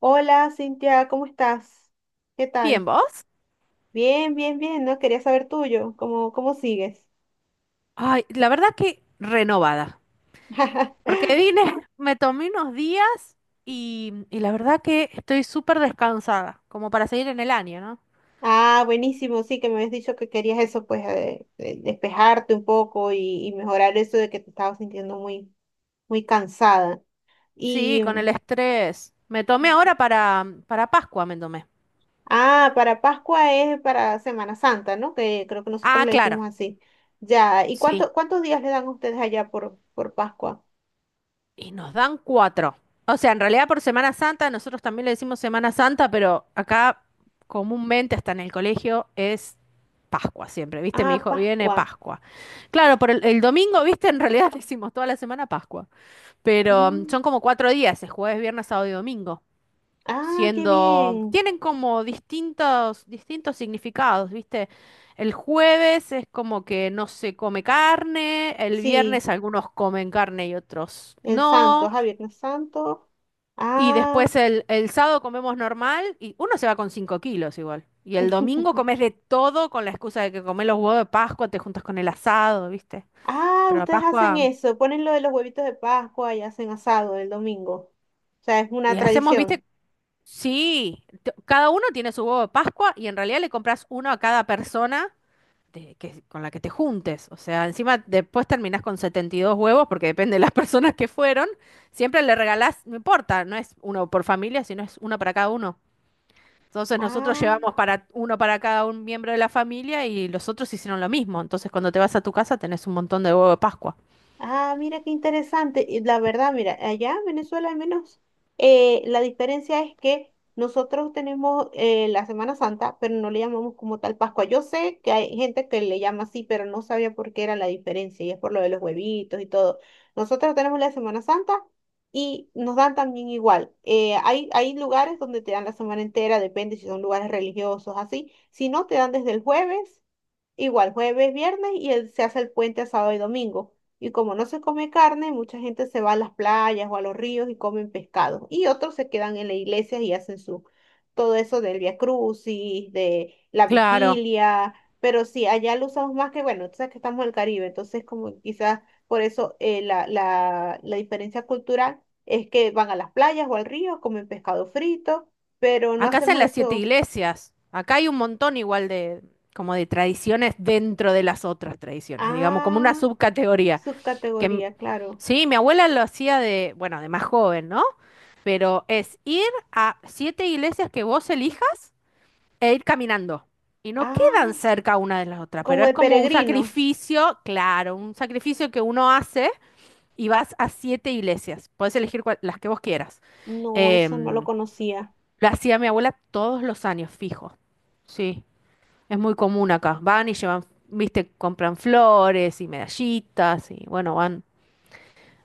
Hola, Cintia, ¿cómo estás? ¿Qué Bien, tal? ¿vos? Bien, bien, bien, ¿no? Quería saber tuyo, ¿cómo, cómo sigues? Ay, la verdad que renovada, porque vine, me tomé unos días y la verdad que estoy súper descansada, como para seguir en el año, ¿no? Ah, buenísimo, sí, que me habías dicho que querías eso, pues, despejarte un poco y mejorar eso de que te estabas sintiendo muy, muy cansada. Sí, Y, con el estrés. Me tomé ahora para Pascua, me tomé. ah, para Pascua es para Semana Santa, ¿no? Que creo que nosotros Ah, le claro. decimos así. Ya, ¿y Sí. cuánto, cuántos días le dan a ustedes allá por Pascua? Y nos dan cuatro. O sea, en realidad por Semana Santa, nosotros también le decimos Semana Santa, pero acá comúnmente hasta en el colegio es Pascua siempre, ¿viste? Mi Ah, hijo viene Pascua. Pascua. Claro, por el domingo, ¿viste? En realidad decimos toda la semana Pascua, pero Mm, son como 4 días, es jueves, viernes, sábado y domingo, Ah, qué siendo, bien. tienen como distintos significados, ¿viste? El jueves es como que no se come carne, el Sí. viernes algunos comen carne y otros En Santo, no. a Viernes Santo. Y Ah, después el sábado comemos normal y uno se va con 5 kilos igual. Y el domingo comes de todo con la excusa de que comés los huevos de Pascua, te juntas con el asado, ¿viste? ah, Pero la ustedes hacen Pascua, eso, ponen lo de los huevitos de Pascua y hacen asado el domingo. O sea, es una hacemos, ¿viste? tradición. Sí, cada uno tiene su huevo de Pascua y en realidad le compras uno a cada persona con la que te juntes. O sea, encima después terminás con 72 huevos porque depende de las personas que fueron. Siempre le regalás, no importa, no es uno por familia, sino es uno para cada uno. Entonces nosotros Ah. llevamos para uno para cada un miembro de la familia y los otros hicieron lo mismo. Entonces cuando te vas a tu casa tenés un montón de huevo de Pascua. Ah, mira qué interesante. Y la verdad, mira, allá en Venezuela al menos la diferencia es que nosotros tenemos la Semana Santa, pero no le llamamos como tal Pascua. Yo sé que hay gente que le llama así, pero no sabía por qué era la diferencia y es por lo de los huevitos y todo. Nosotros tenemos la Semana Santa y nos dan también igual. Hay, hay lugares donde te dan la semana entera, depende si son lugares religiosos, así. Si no, te dan desde el jueves. Igual jueves, viernes y el- se hace el puente a sábado y domingo. Y como no se come carne, mucha gente se va a las playas o a los ríos y comen pescado. Y otros se quedan en la iglesia y hacen su todo eso del Via Crucis, de la Claro. vigilia. Pero sí, allá lo usamos más que, bueno, tú sabes que estamos en el Caribe, entonces como quizás por eso la diferencia cultural es que van a las playas o al río, comen pescado frito, pero no Acá hacen hacemos las siete eso. iglesias. Acá hay un montón igual de como de tradiciones dentro de las otras tradiciones, digamos, como una Ah, subcategoría. Que m- subcategoría, claro. sí, mi abuela lo hacía de, bueno, de más joven, ¿no? Pero es ir a siete iglesias que vos elijas e ir caminando. Y no Ah, quedan cerca una de las otras, pero como es de como un peregrino. sacrificio, claro, un sacrificio que uno hace y vas a siete iglesias. Puedes elegir las que vos quieras. No, eso no lo Em, conocía. lo hacía mi abuela todos los años, fijo. Sí, es muy común acá. Van y llevan, viste, compran flores y medallitas y bueno, van,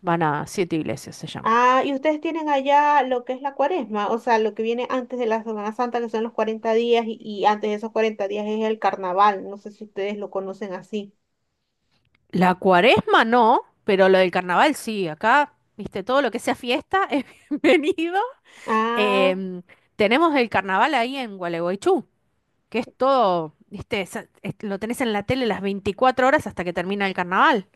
van a siete iglesias, se llama. Ah, y ustedes tienen allá lo que es la cuaresma, o sea, lo que viene antes de la Semana Santa, que son los 40 días, y antes de esos 40 días es el carnaval. No sé si ustedes lo conocen así. La cuaresma no, pero lo del carnaval sí. Acá, viste, todo lo que sea fiesta es bienvenido. Ah, Em, Tenemos el carnaval ahí en Gualeguaychú, que es todo, viste, lo tenés en la tele las 24 horas hasta que termina el carnaval.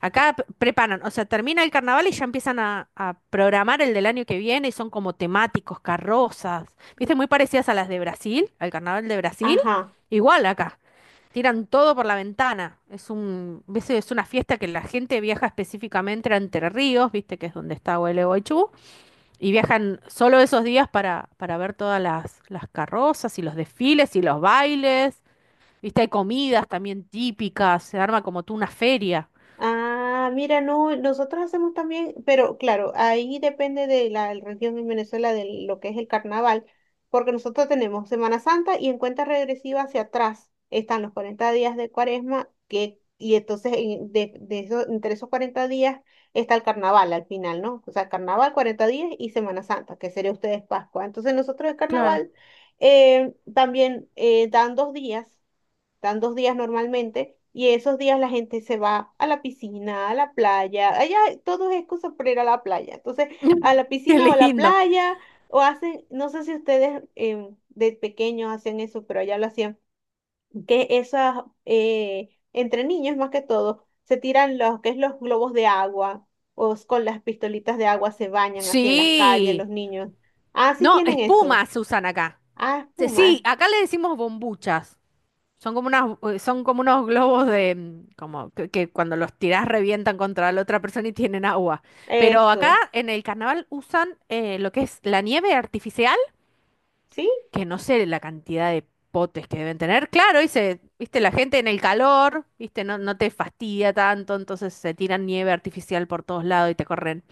Acá preparan, o sea, termina el carnaval y ya empiezan a programar el del año que viene y son como temáticos, carrozas, viste, muy parecidas a las de Brasil, al carnaval de Brasil, ajá. igual acá. Tiran todo por la ventana. Es un, ves, es una fiesta que la gente viaja específicamente a Entre Ríos, viste que es donde está Gualeguaychú, y viajan solo esos días para ver todas las carrozas y los desfiles y los bailes. Viste, hay comidas también típicas, se arma como tú una feria. Ah, mira, no, nosotros hacemos también, pero claro, ahí depende de la región en Venezuela de lo que es el carnaval, porque nosotros tenemos Semana Santa y en cuenta regresiva hacia atrás están los 40 días de Cuaresma, que, y entonces en- de, entre esos 40 días está el carnaval al final, ¿no? O sea, carnaval, 40 días y Semana Santa, que sería ustedes Pascua. Entonces nosotros el Claro. carnaval también dan 2 días dan dos días normalmente, y esos días la gente se va a la piscina, a la playa, allá todo es excusa para ir a la playa, entonces a la Qué piscina o a la lindo. playa, o hacen, no sé si ustedes de pequeños hacen eso, pero allá lo hacían, que esas, entre niños más que todo, se tiran los, que es los globos de agua, o s- con las pistolitas de agua se bañan así en las calles Sí. los niños. Ah, sí No, tienen eso. espumas se usan acá. Ah, Sí, espuma. acá le decimos bombuchas. Son como unos globos como que cuando los tirás revientan contra la otra persona y tienen agua. Pero acá Eso. en el carnaval usan lo que es la nieve artificial ¿Sí? que no sé la cantidad de potes que deben tener. Claro, y viste, la gente en el calor, viste, no, no te fastidia tanto, entonces se tiran nieve artificial por todos lados y te corren.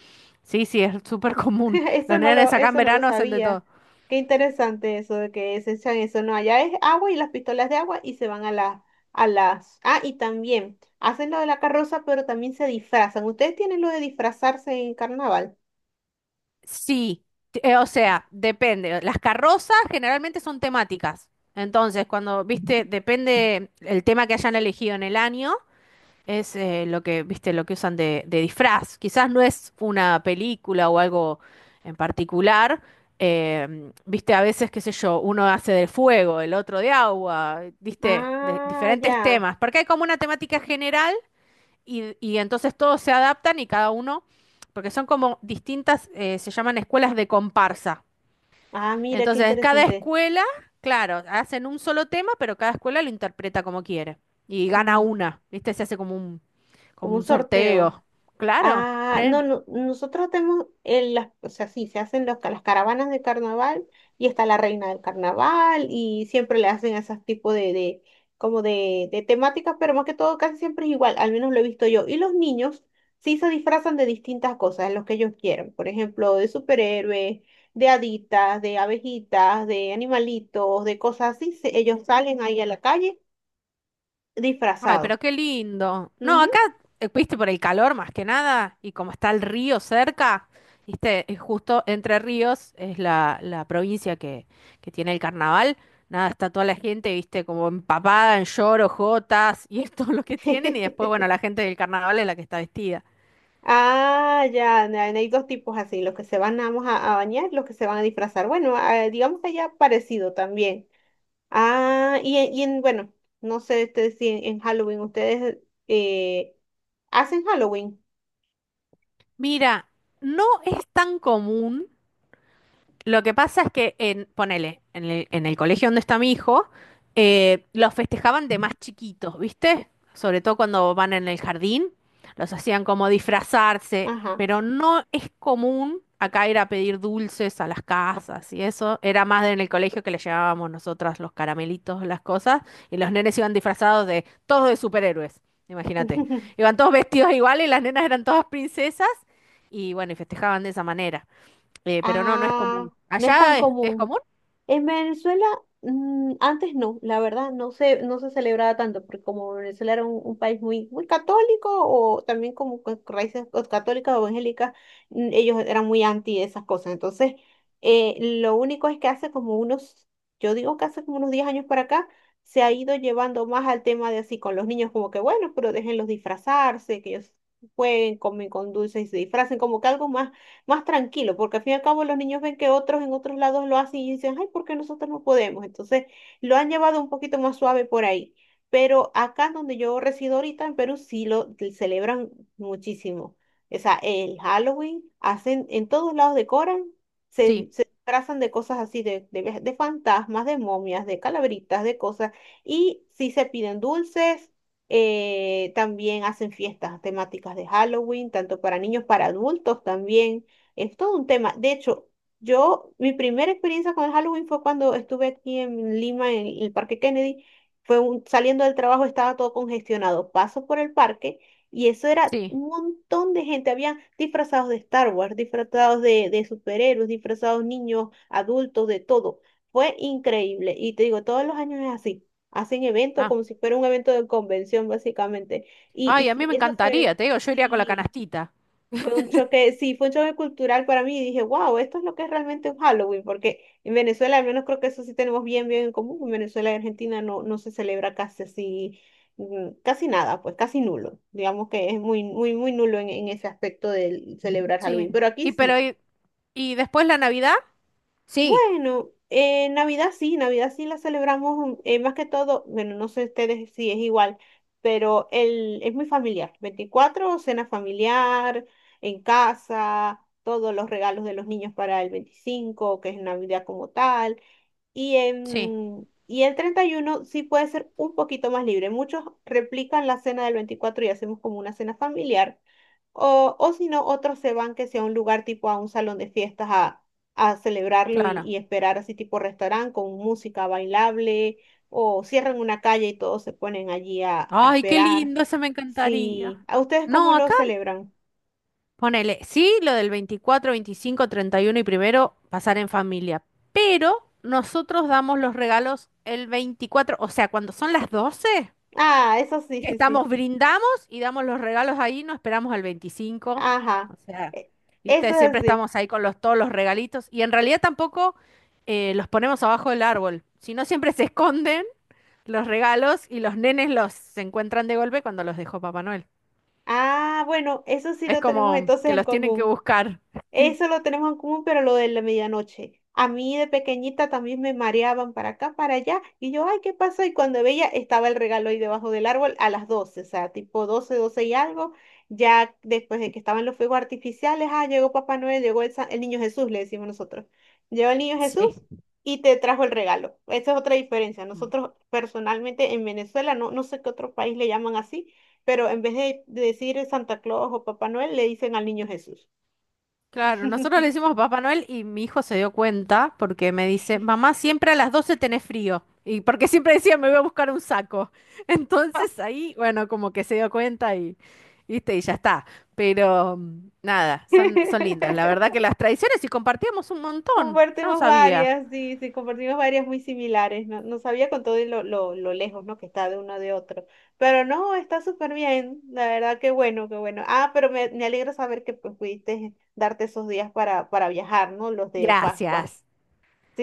Sí, sí, es súper común. Los nenes acá en eso no lo verano hacen de sabía. todo. Qué interesante eso de que se echan eso. No, allá es agua y las pistolas de agua y se van a las, a las. Ah, y también hacen lo de la carroza, pero también se disfrazan. ¿Ustedes tienen lo de disfrazarse en carnaval? Sí, o sea, depende. Las carrozas generalmente son temáticas. Entonces, cuando, viste, depende el tema que hayan elegido en el año. Es lo que, viste, lo que usan de, disfraz. Quizás no es una película o algo en particular. Viste, a veces, qué sé yo, uno hace de fuego, el otro de agua, viste, de Ah, diferentes ya. temas. Porque hay como una temática general y entonces todos se adaptan y cada uno, porque son como distintas, se llaman escuelas de comparsa. Ah, mira, qué Entonces, cada interesante. escuela, claro, hacen un solo tema, pero cada escuela lo interpreta como quiere. Y gana Mm, una, ¿viste? Se hace como un, Como como un un sorteo. sorteo. Claro. Ah, Sí. no, no, nosotros tenemos, el- las, o sea, sí, se hacen los, ca- las caravanas de carnaval y está la reina del carnaval y siempre le hacen esos tipos como de temáticas, pero más que todo casi siempre es igual, al menos lo he visto yo. Y los niños sí se disfrazan de distintas cosas, los que ellos quieren, por ejemplo, de superhéroes, de haditas, de abejitas, de animalitos, de cosas así, se- ellos salen ahí a la calle Ay, disfrazados. pero qué lindo. No, Ujú. acá, viste, por el calor más que nada, y como está el río cerca, viste, es justo Entre Ríos es la provincia que tiene el carnaval. Nada, está toda la gente, viste, como empapada en lloros, jotas, y es todo lo que tienen, y después, bueno, la gente del carnaval es la que está vestida. Ah, ya, na- hay dos tipos así, los que se van nada más a bañar, los que se van a disfrazar. Bueno, ah, digamos que ya parecido también. Ah, y en, bueno, no sé este, si en, en Halloween ustedes eh, hacen Halloween. Mira, no es tan común, lo que pasa es que, ponele, en el colegio donde está mi hijo, los festejaban de más chiquitos, ¿viste? Sobre todo cuando van en el jardín, los hacían como disfrazarse, Ajá. pero no es común acá ir a pedir dulces a las casas y eso. Era más en el colegio que le llevábamos nosotras los caramelitos, las cosas, y los nenes iban disfrazados de todos de superhéroes, imagínate. Iban todos vestidos igual y las nenas eran todas princesas y bueno, y festejaban de esa manera. Pero no, no es Ah, común. no es tan ¿Allá es común. común? En Venezuela, antes no, la verdad, no se celebraba tanto, porque como Venezuela era un país muy, muy católico, o también como con raíces o católicas o evangélicas, ellos eran muy anti esas cosas. Entonces, lo único es que hace como unos, yo digo que hace como unos 10 años para acá, se ha ido llevando más al tema de así con los niños, como que bueno, pero déjenlos disfrazarse, que ellos jueguen, comen con dulces y se disfracen, como que algo más más tranquilo, porque al fin y al cabo los niños ven que otros en otros lados lo hacen y dicen, ay, ¿por qué nosotros no podemos? Entonces lo han llevado un poquito más suave por ahí. Pero acá donde yo resido ahorita en Perú sí lo celebran muchísimo. O sea, el Halloween, hacen, en todos lados decoran, Sí, se disfrazan de cosas así, ve- de fantasmas, de momias, de calabritas, de cosas, y sí se piden dulces, también hacen fiestas temáticas de Halloween, tanto para niños, para adultos también. Es todo un tema. De hecho, yo, mi primera experiencia con el Halloween fue cuando estuve aquí en Lima, en el Parque Kennedy. Fue un- saliendo del trabajo, estaba todo congestionado. Paso por el parque y eso era sí. un montón de gente. Habían disfrazados de Star Wars, disfrazados de superhéroes, disfrazados niños, adultos, de todo. Fue increíble. Y te digo, todos los años es así. Hacen eventos Ah, como si fuera un evento de convención, básicamente. Ay, Y a mí sí, me eso encantaría, fue, te digo, yo iría con la sí. canastita. Fue un choque, sí, fue un choque cultural para mí y dije, wow, esto es lo que es realmente un Halloween, porque en Venezuela al menos creo que eso sí tenemos bien, bien en común. En Venezuela y Argentina no, no se celebra casi así, mm, casi nada, pues casi nulo. Digamos que es muy, muy, muy nulo en ese aspecto de celebrar Sí. Halloween, pero aquí Y pero sí. y después, ¿la Navidad? Sí, Bueno, Navidad sí la celebramos más que todo, bueno, no sé ustedes si es igual, pero el, es muy familiar. 24 cena familiar, en casa, todos los regalos de los niños para el 25 que es Navidad como tal. Sí, Y el 31 sí puede ser un poquito más libre. Muchos replican la cena del 24 y hacemos como una cena familiar o si no, otros se van que sea un lugar tipo a un salón de fiestas a celebrarlo claro. y esperar así tipo restaurante con música bailable o cierran una calle y todos se ponen allí a Ay, qué esperar. lindo, eso me encantaría. Sí, ¿a ustedes cómo No, lo acá celebran? ponele, sí, lo del 24, 25, 31 y primero pasar en familia, pero nosotros damos los regalos el 24, o sea, cuando son las 12. Ah, eso sí, Que sí, sí. estamos, brindamos y damos los regalos ahí, no esperamos al 25. O Ajá. sea, E- Eso viste, es siempre así. estamos ahí con todos los regalitos y en realidad tampoco los ponemos abajo del árbol, sino siempre se esconden los regalos y los nenes los se encuentran de golpe cuando los dejó Papá Noel. Ah, bueno, eso sí Es lo tenemos como entonces que en los tienen que común. buscar. Eso lo tenemos en común, pero lo de la medianoche. A mí de pequeñita también me mareaban para acá, para allá, y yo, ay, ¿qué pasó? Y cuando veía, estaba el regalo ahí debajo del árbol a las 12 o sea, tipo 12 12 y algo. Ya después de que estaban los fuegos artificiales, ah, llegó Papá Noel, llegó el, sa- el niño Jesús, le decimos nosotros. Llegó el niño Jesús Sí. y te trajo el regalo. Esa es otra diferencia. Nosotros personalmente en Venezuela, no, no sé qué otro país le llaman así, pero en vez de decir Santa Claus o Papá Noel, le dicen al niño Jesús. Claro, nosotros le decimos Papá Noel y mi hijo se dio cuenta porque me dice, mamá, siempre a las 12 tenés frío. Y porque siempre decía, me voy a buscar un saco. Entonces ahí, bueno, como que se dio cuenta y, ¿viste? Y ya está. Pero nada, son lindas. La verdad que las tradiciones y compartíamos un montón. Yo no Compartimos sabía. varias, sí, sí, compartimos varias muy similares. No, no sabía con todo y lo lejos, ¿no? Que está de uno de otro. Pero no, está súper bien. La verdad, qué bueno, qué bueno. Ah, me alegra saber que pues, pudiste darte esos días para viajar, ¿no? Los de Pascua. Gracias,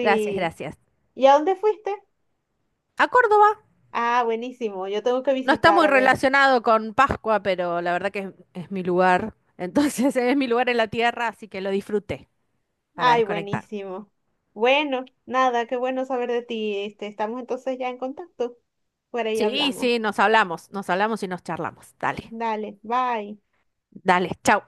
gracias, gracias. ¿Y a dónde fuiste? A Córdoba. Ah, buenísimo. Yo tengo que No está visitar, muy a ver. relacionado con Pascua, pero la verdad que es, mi lugar. Entonces es mi lugar en la tierra, así que lo disfruté para Ay, desconectar. buenísimo. Bueno, nada, qué bueno saber de ti. Este, estamos entonces ya en contacto. Por ahí Sí, hablamos. sí, nos hablamos y nos charlamos. Dale, Dale, bye. dale, chau.